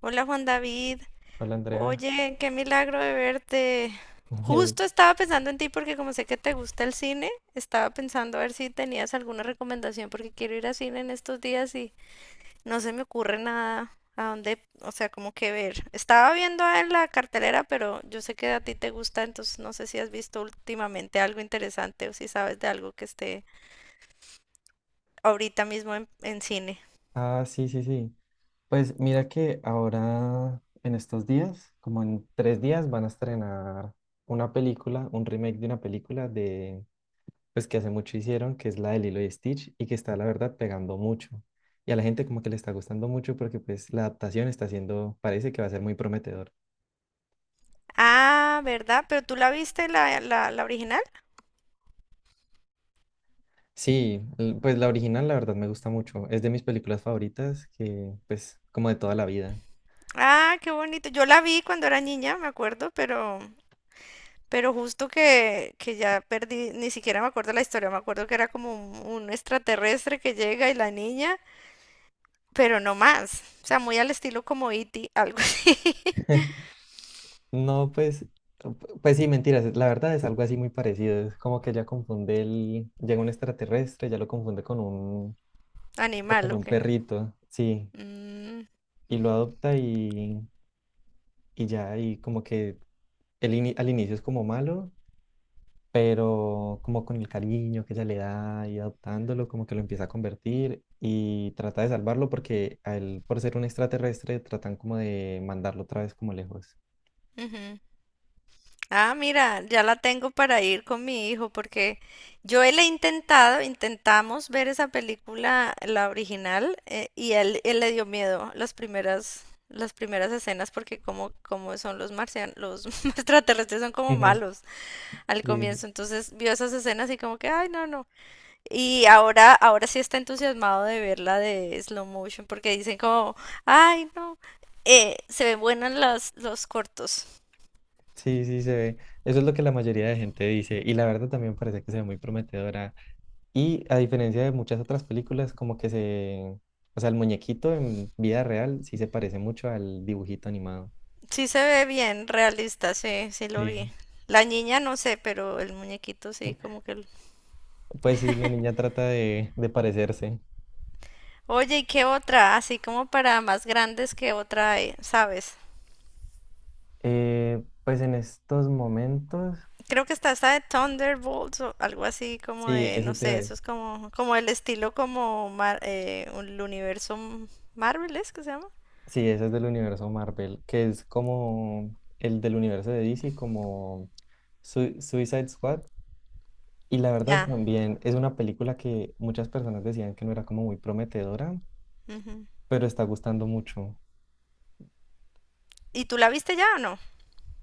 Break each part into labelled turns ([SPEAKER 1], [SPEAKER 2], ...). [SPEAKER 1] Hola Juan David,
[SPEAKER 2] Hola Andrea.
[SPEAKER 1] oye, qué milagro de verte. Justo estaba pensando en ti porque como sé que te gusta el cine, estaba pensando a ver si tenías alguna recomendación porque quiero ir al cine en estos días y no se me ocurre nada a dónde, o sea, como que ver. Estaba viendo en la cartelera, pero yo sé que a ti te gusta, entonces no sé si has visto últimamente algo interesante o si sabes de algo que esté ahorita mismo en cine.
[SPEAKER 2] Ah, sí, sí, sí. Pues mira que ahora en estos días, como en 3 días, van a estrenar una película, un remake de una película pues que hace mucho hicieron, que es la de Lilo y Stitch y que está la verdad pegando mucho. Y a la gente como que le está gustando mucho porque pues la adaptación está siendo, parece que va a ser muy prometedor.
[SPEAKER 1] Ah, ¿verdad? ¿Pero tú la viste la original?
[SPEAKER 2] Sí, pues la original la verdad me gusta mucho. Es de mis películas favoritas que pues como de toda la vida.
[SPEAKER 1] Ah, qué bonito. Yo la vi cuando era niña, me acuerdo, pero justo que ya perdí, ni siquiera me acuerdo la historia, me acuerdo que era como un extraterrestre que llega y la niña, pero no más. O sea, muy al estilo como E.T., algo así.
[SPEAKER 2] No, pues, sí, mentiras. La verdad es algo así muy parecido. Es como que ya confunde llega un extraterrestre, ya lo confunde o
[SPEAKER 1] Animal,
[SPEAKER 2] con
[SPEAKER 1] ¿o
[SPEAKER 2] un
[SPEAKER 1] qué?
[SPEAKER 2] perrito, sí,
[SPEAKER 1] Mm,
[SPEAKER 2] y lo adopta y ya, y como que al inicio es como malo, pero como con el cariño que ella le da y adoptándolo, como que lo empieza a convertir y trata de salvarlo porque a él, por ser un extraterrestre, tratan como de mandarlo otra vez como lejos.
[SPEAKER 1] ujú. Ah, mira, ya la tengo para ir con mi hijo porque yo él he intentado, intentamos ver esa película, la original, y él le dio miedo las primeras escenas porque como, como son los marcianos, los extraterrestres son como
[SPEAKER 2] Ujú.
[SPEAKER 1] malos al
[SPEAKER 2] Sí,
[SPEAKER 1] comienzo, entonces vio esas escenas y como que, ay, no, no. Y ahora, ahora sí está entusiasmado de verla de slow motion porque dicen como, ay, no, se ven buenas las, los cortos.
[SPEAKER 2] sí, sí, se ve. Eso es lo que la mayoría de gente dice. Y la verdad también parece que se ve muy prometedora. Y a diferencia de muchas otras películas, como que se... O sea, el muñequito en vida real sí se parece mucho al dibujito animado.
[SPEAKER 1] Sí se ve bien realista, sí, sí lo vi.
[SPEAKER 2] Sí.
[SPEAKER 1] La niña no sé, pero el muñequito sí, como que...
[SPEAKER 2] Pues sí, la niña trata de parecerse.
[SPEAKER 1] Oye, ¿y qué otra? Así como para más grandes, ¿qué otra hay? ¿Sabes?
[SPEAKER 2] Pues en estos momentos...
[SPEAKER 1] Creo que está esta de Thunderbolts o algo así como
[SPEAKER 2] Sí,
[SPEAKER 1] de, no
[SPEAKER 2] eso te iba
[SPEAKER 1] sé,
[SPEAKER 2] a
[SPEAKER 1] eso
[SPEAKER 2] decir.
[SPEAKER 1] es como, como el estilo como el universo Marvel, ¿es que se llama?
[SPEAKER 2] Sí, ese es del universo Marvel, que es como el del universo de DC, como Suicide Squad. Y la verdad
[SPEAKER 1] Ya.
[SPEAKER 2] también es una película que muchas personas decían que no era como muy prometedora,
[SPEAKER 1] Ujú.
[SPEAKER 2] pero está gustando mucho.
[SPEAKER 1] ¿Y tú la viste ya o no?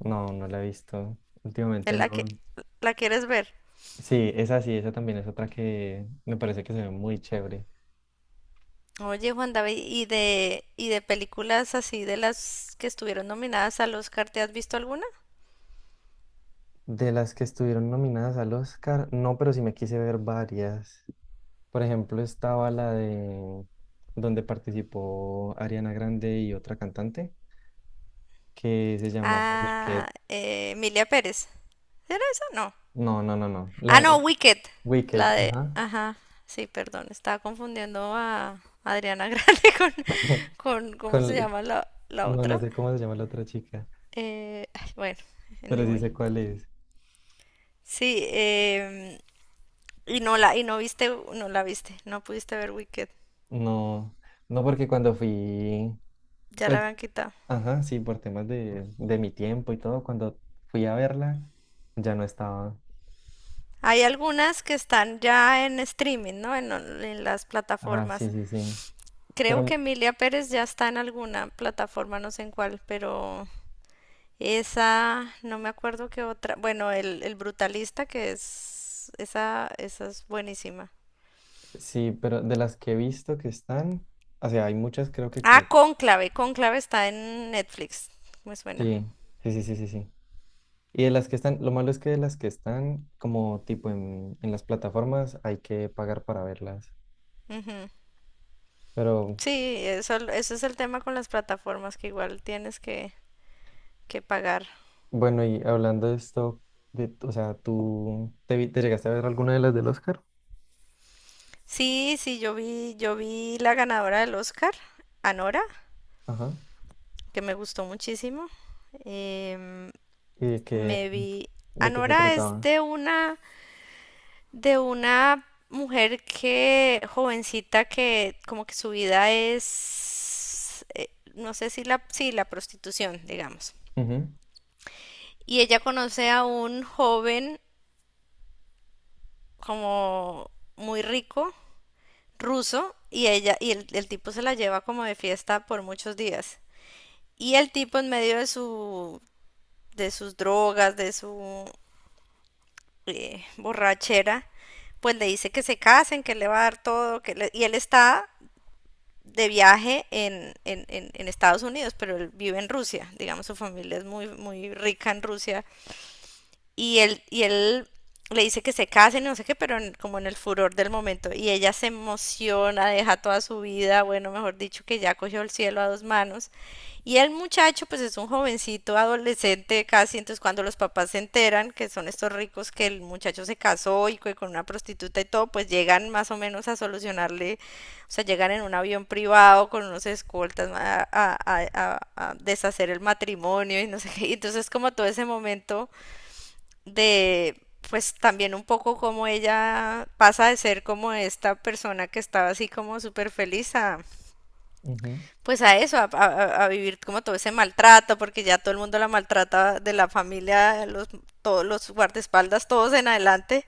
[SPEAKER 2] No, no la he visto. Últimamente
[SPEAKER 1] ¿La que
[SPEAKER 2] no.
[SPEAKER 1] la quieres ver?
[SPEAKER 2] Sí, esa también es otra que me parece que se ve muy chévere.
[SPEAKER 1] Oye, Juan David, ¿y y de películas así de las que estuvieron nominadas al Oscar, ¿te has visto alguna?
[SPEAKER 2] De las que estuvieron nominadas al Oscar, no, pero sí me quise ver varias. Por ejemplo, estaba la de donde participó Ariana Grande y otra cantante que se llamaba Wicked.
[SPEAKER 1] Ah, Emilia Pérez. ¿Era esa? No.
[SPEAKER 2] No, no, no, no.
[SPEAKER 1] Ah,
[SPEAKER 2] La
[SPEAKER 1] no, Wicked.
[SPEAKER 2] Wicked,
[SPEAKER 1] La de...
[SPEAKER 2] ajá.
[SPEAKER 1] Ajá, sí, perdón, estaba confundiendo a Adriana Grande con ¿cómo se
[SPEAKER 2] Con,
[SPEAKER 1] llama la
[SPEAKER 2] No, no
[SPEAKER 1] otra?
[SPEAKER 2] sé cómo se llama la otra chica,
[SPEAKER 1] Ay, bueno,
[SPEAKER 2] pero sí
[SPEAKER 1] anyway.
[SPEAKER 2] sé cuál es.
[SPEAKER 1] Sí, y y no viste, no la viste, no pudiste ver Wicked.
[SPEAKER 2] No, no porque cuando fui,
[SPEAKER 1] Ya
[SPEAKER 2] pues,
[SPEAKER 1] la habían quitado.
[SPEAKER 2] ajá, sí, por temas de, mi tiempo y todo, cuando fui a verla, ya no estaba.
[SPEAKER 1] Hay algunas que están ya en streaming, ¿no? En las
[SPEAKER 2] Ah, sí,
[SPEAKER 1] plataformas.
[SPEAKER 2] sí, sí.
[SPEAKER 1] Creo que
[SPEAKER 2] Pero
[SPEAKER 1] Emilia Pérez ya está en alguna plataforma, no sé en cuál, pero esa, no me acuerdo qué otra. Bueno, el Brutalista, que es, esa es buenísima.
[SPEAKER 2] sí, pero de las que he visto que están, o sea, hay muchas creo que
[SPEAKER 1] Ah,
[SPEAKER 2] creo.
[SPEAKER 1] Cónclave, Cónclave está en Netflix, me suena.
[SPEAKER 2] Sí, sí, sí, sí, sí, sí. Y de las que están, lo malo es que de las que están, como tipo en, las plataformas, hay que pagar para verlas.
[SPEAKER 1] Ujú.
[SPEAKER 2] Pero
[SPEAKER 1] Sí, eso es el tema con las plataformas, que igual tienes que pagar.
[SPEAKER 2] bueno, y hablando de esto, o sea, te llegaste a ver alguna de las del Oscar?
[SPEAKER 1] Sí, sí, yo vi la ganadora del Oscar, Anora,
[SPEAKER 2] Ajá.
[SPEAKER 1] que me gustó muchísimo. Em,
[SPEAKER 2] ¿Y de qué,
[SPEAKER 1] me vi.
[SPEAKER 2] de qué se
[SPEAKER 1] Anora es
[SPEAKER 2] trataba?
[SPEAKER 1] de una mujer que, jovencita, que como que su vida es, no sé si la, sí, la prostitución, digamos.
[SPEAKER 2] Ujú,
[SPEAKER 1] Y ella conoce a un joven como muy rico, ruso, y ella, y el tipo se la lleva como de fiesta por muchos días. Y el tipo en medio de su, de sus drogas, de su borrachera, pues le dice que se casen, que le va a dar todo, y él está de viaje en Estados Unidos, pero él vive en Rusia, digamos, su familia es muy, muy rica en Rusia y él le dice que se casen, no sé qué, pero como en el furor del momento. Y ella se emociona, deja toda su vida, bueno, mejor dicho, que ya cogió el cielo a dos manos. Y el muchacho, pues es un jovencito, adolescente casi, entonces cuando los papás se enteran que son estos ricos, que el muchacho se casó y que con una prostituta y todo, pues llegan más o menos a solucionarle, o sea, llegan en un avión privado con unos escoltas a deshacer el matrimonio y no sé qué. Y entonces como todo ese momento de, pues también un poco cómo ella pasa de ser como esta persona que estaba así como súper feliz a,
[SPEAKER 2] ujú,
[SPEAKER 1] pues a eso, a vivir como todo ese maltrato, porque ya todo el mundo la maltrata de la familia, los, todos los guardaespaldas, todos en adelante,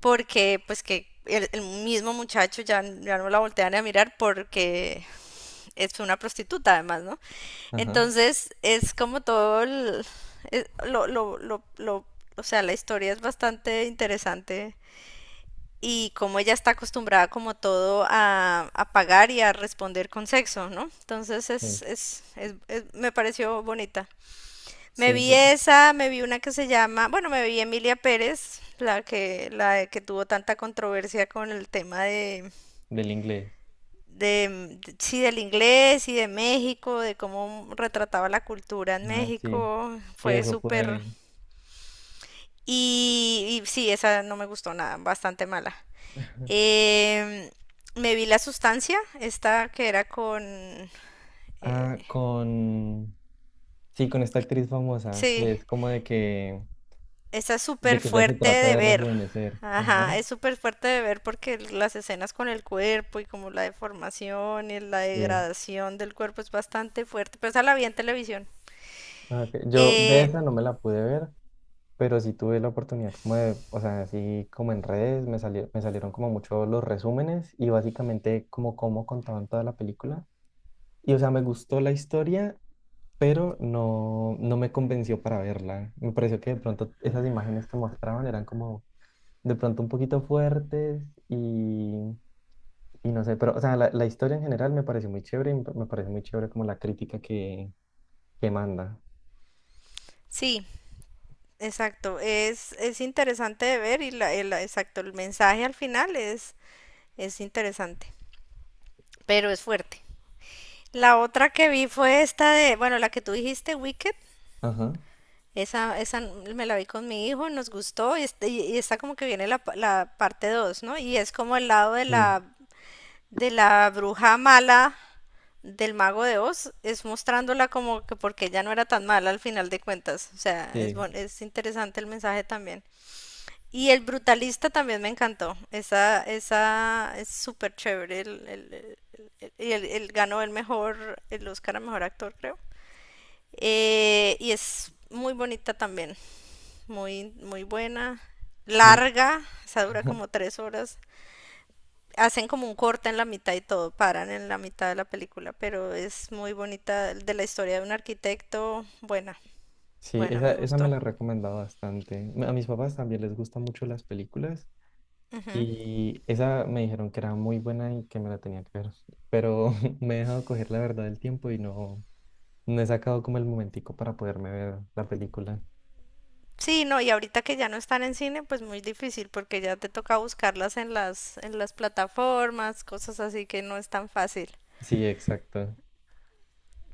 [SPEAKER 1] porque pues que el mismo muchacho ya, ya no la voltean a mirar porque es una prostituta además, ¿no?
[SPEAKER 2] ajá.
[SPEAKER 1] Entonces es como todo el, es- lo, lo, lo, lo- o sea, la historia es bastante interesante y como ella está acostumbrada como todo a pagar y a responder con sexo, ¿no? Entonces
[SPEAKER 2] Sí,
[SPEAKER 1] es, me pareció bonita. Me
[SPEAKER 2] sí,
[SPEAKER 1] vi esa, me vi una que se llama, bueno, me vi Emilia Pérez, la que tuvo tanta controversia con el tema de
[SPEAKER 2] del inglés.
[SPEAKER 1] de, de- sí, del inglés y de México, de cómo retrataba la cultura en
[SPEAKER 2] Ah, sí.
[SPEAKER 1] México,
[SPEAKER 2] Sí,
[SPEAKER 1] fue
[SPEAKER 2] eso pude
[SPEAKER 1] súper...
[SPEAKER 2] ver.
[SPEAKER 1] Y, y sí, esa no me gustó nada, bastante mala. Em, me vi La Sustancia, esta que era con... eh,
[SPEAKER 2] Ah, Sí, con esta actriz famosa,
[SPEAKER 1] sí,
[SPEAKER 2] que es como de que,
[SPEAKER 1] esta es
[SPEAKER 2] de
[SPEAKER 1] súper
[SPEAKER 2] que ya se
[SPEAKER 1] fuerte
[SPEAKER 2] trata
[SPEAKER 1] de
[SPEAKER 2] de
[SPEAKER 1] ver.
[SPEAKER 2] rejuvenecer. Ajá.
[SPEAKER 1] Ajá, es súper fuerte de ver porque las escenas con el cuerpo y como la deformación y la
[SPEAKER 2] Sí.
[SPEAKER 1] degradación del cuerpo es bastante fuerte, pero esa la vi en televisión.
[SPEAKER 2] Ah, ok. Yo de
[SPEAKER 1] Eh,
[SPEAKER 2] esa no me la pude ver, pero sí tuve la oportunidad como de, o sea, así como en redes, me salieron como mucho los resúmenes y básicamente como cómo contaban toda la película. Y o sea, me gustó la historia, pero no, no me convenció para verla. Me pareció que de pronto esas imágenes que mostraban eran como de pronto un poquito fuertes y, y, no sé, pero o sea, la historia en general me pareció muy chévere y me pareció muy chévere como la crítica que, manda.
[SPEAKER 1] sí, Exacto, es interesante de ver y exacto, el mensaje al final es interesante, pero es fuerte. La otra que vi fue esta de, bueno, la que tú dijiste, Wicked,
[SPEAKER 2] Ajá.
[SPEAKER 1] esa me la vi con mi hijo, nos gustó y, y está como que viene la parte 2, ¿no? Y es como el lado de
[SPEAKER 2] Sí,
[SPEAKER 1] de la bruja mala del mago de Oz, es mostrándola como que porque ella no era tan mala al final de cuentas, o sea,
[SPEAKER 2] sí,
[SPEAKER 1] es interesante el mensaje también. Y el brutalista también me encantó. Esa es súper chévere. El ganó el mejor, el Oscar a mejor actor, creo. Y es muy bonita también. Muy, muy buena.
[SPEAKER 2] sí.
[SPEAKER 1] Larga. Esa dura como tres horas. Hacen como un corte en la mitad y todo. Paran en la mitad de la película. Pero es muy bonita. De la historia de un arquitecto. Buena.
[SPEAKER 2] Sí,
[SPEAKER 1] Buena,
[SPEAKER 2] esa,
[SPEAKER 1] me
[SPEAKER 2] esa me
[SPEAKER 1] gustó.
[SPEAKER 2] la he recomendado bastante. A mis papás también les gustan mucho las películas y esa me dijeron que era muy buena y que me la tenía que ver, pero me he dejado coger la verdad del tiempo y no, no he sacado como el momentico para poderme ver la película.
[SPEAKER 1] Sí, no, y ahorita que ya no están en cine, pues muy difícil porque ya te toca buscarlas en las plataformas, cosas así que no es tan fácil.
[SPEAKER 2] Sí, exacto.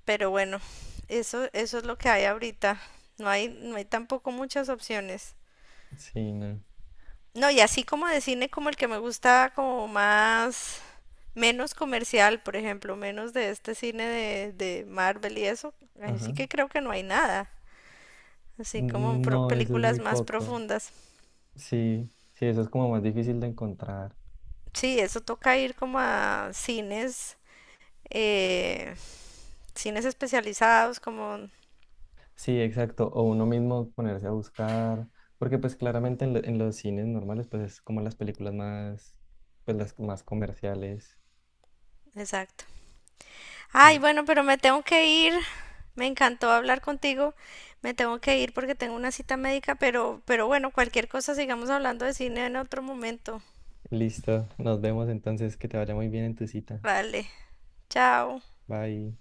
[SPEAKER 1] Pero bueno, eso es lo que hay ahorita. No hay tampoco muchas opciones.
[SPEAKER 2] Sí, no.
[SPEAKER 1] No, y así como de cine como el que me gusta como más menos comercial, por ejemplo, menos de este cine de Marvel y eso, ahí sí
[SPEAKER 2] Ajá.
[SPEAKER 1] que creo que no hay nada. Así como
[SPEAKER 2] No, eso es muy
[SPEAKER 1] películas más
[SPEAKER 2] poco.
[SPEAKER 1] profundas.
[SPEAKER 2] Sí, sí, eso es como más difícil de encontrar.
[SPEAKER 1] Sí, eso toca ir como a cines eh, cines especializados, como...
[SPEAKER 2] Sí, exacto. O uno mismo ponerse a buscar, porque pues claramente en los cines normales, pues es como las películas más, pues las más comerciales.
[SPEAKER 1] Exacto. Ay,
[SPEAKER 2] Mm.
[SPEAKER 1] bueno, pero me tengo que ir. Me encantó hablar contigo. Me tengo que ir porque tengo una cita médica, pero bueno, cualquier cosa sigamos hablando de cine en otro momento.
[SPEAKER 2] Listo, nos vemos entonces, que te vaya muy bien en tu cita.
[SPEAKER 1] Vale, chao.
[SPEAKER 2] Bye.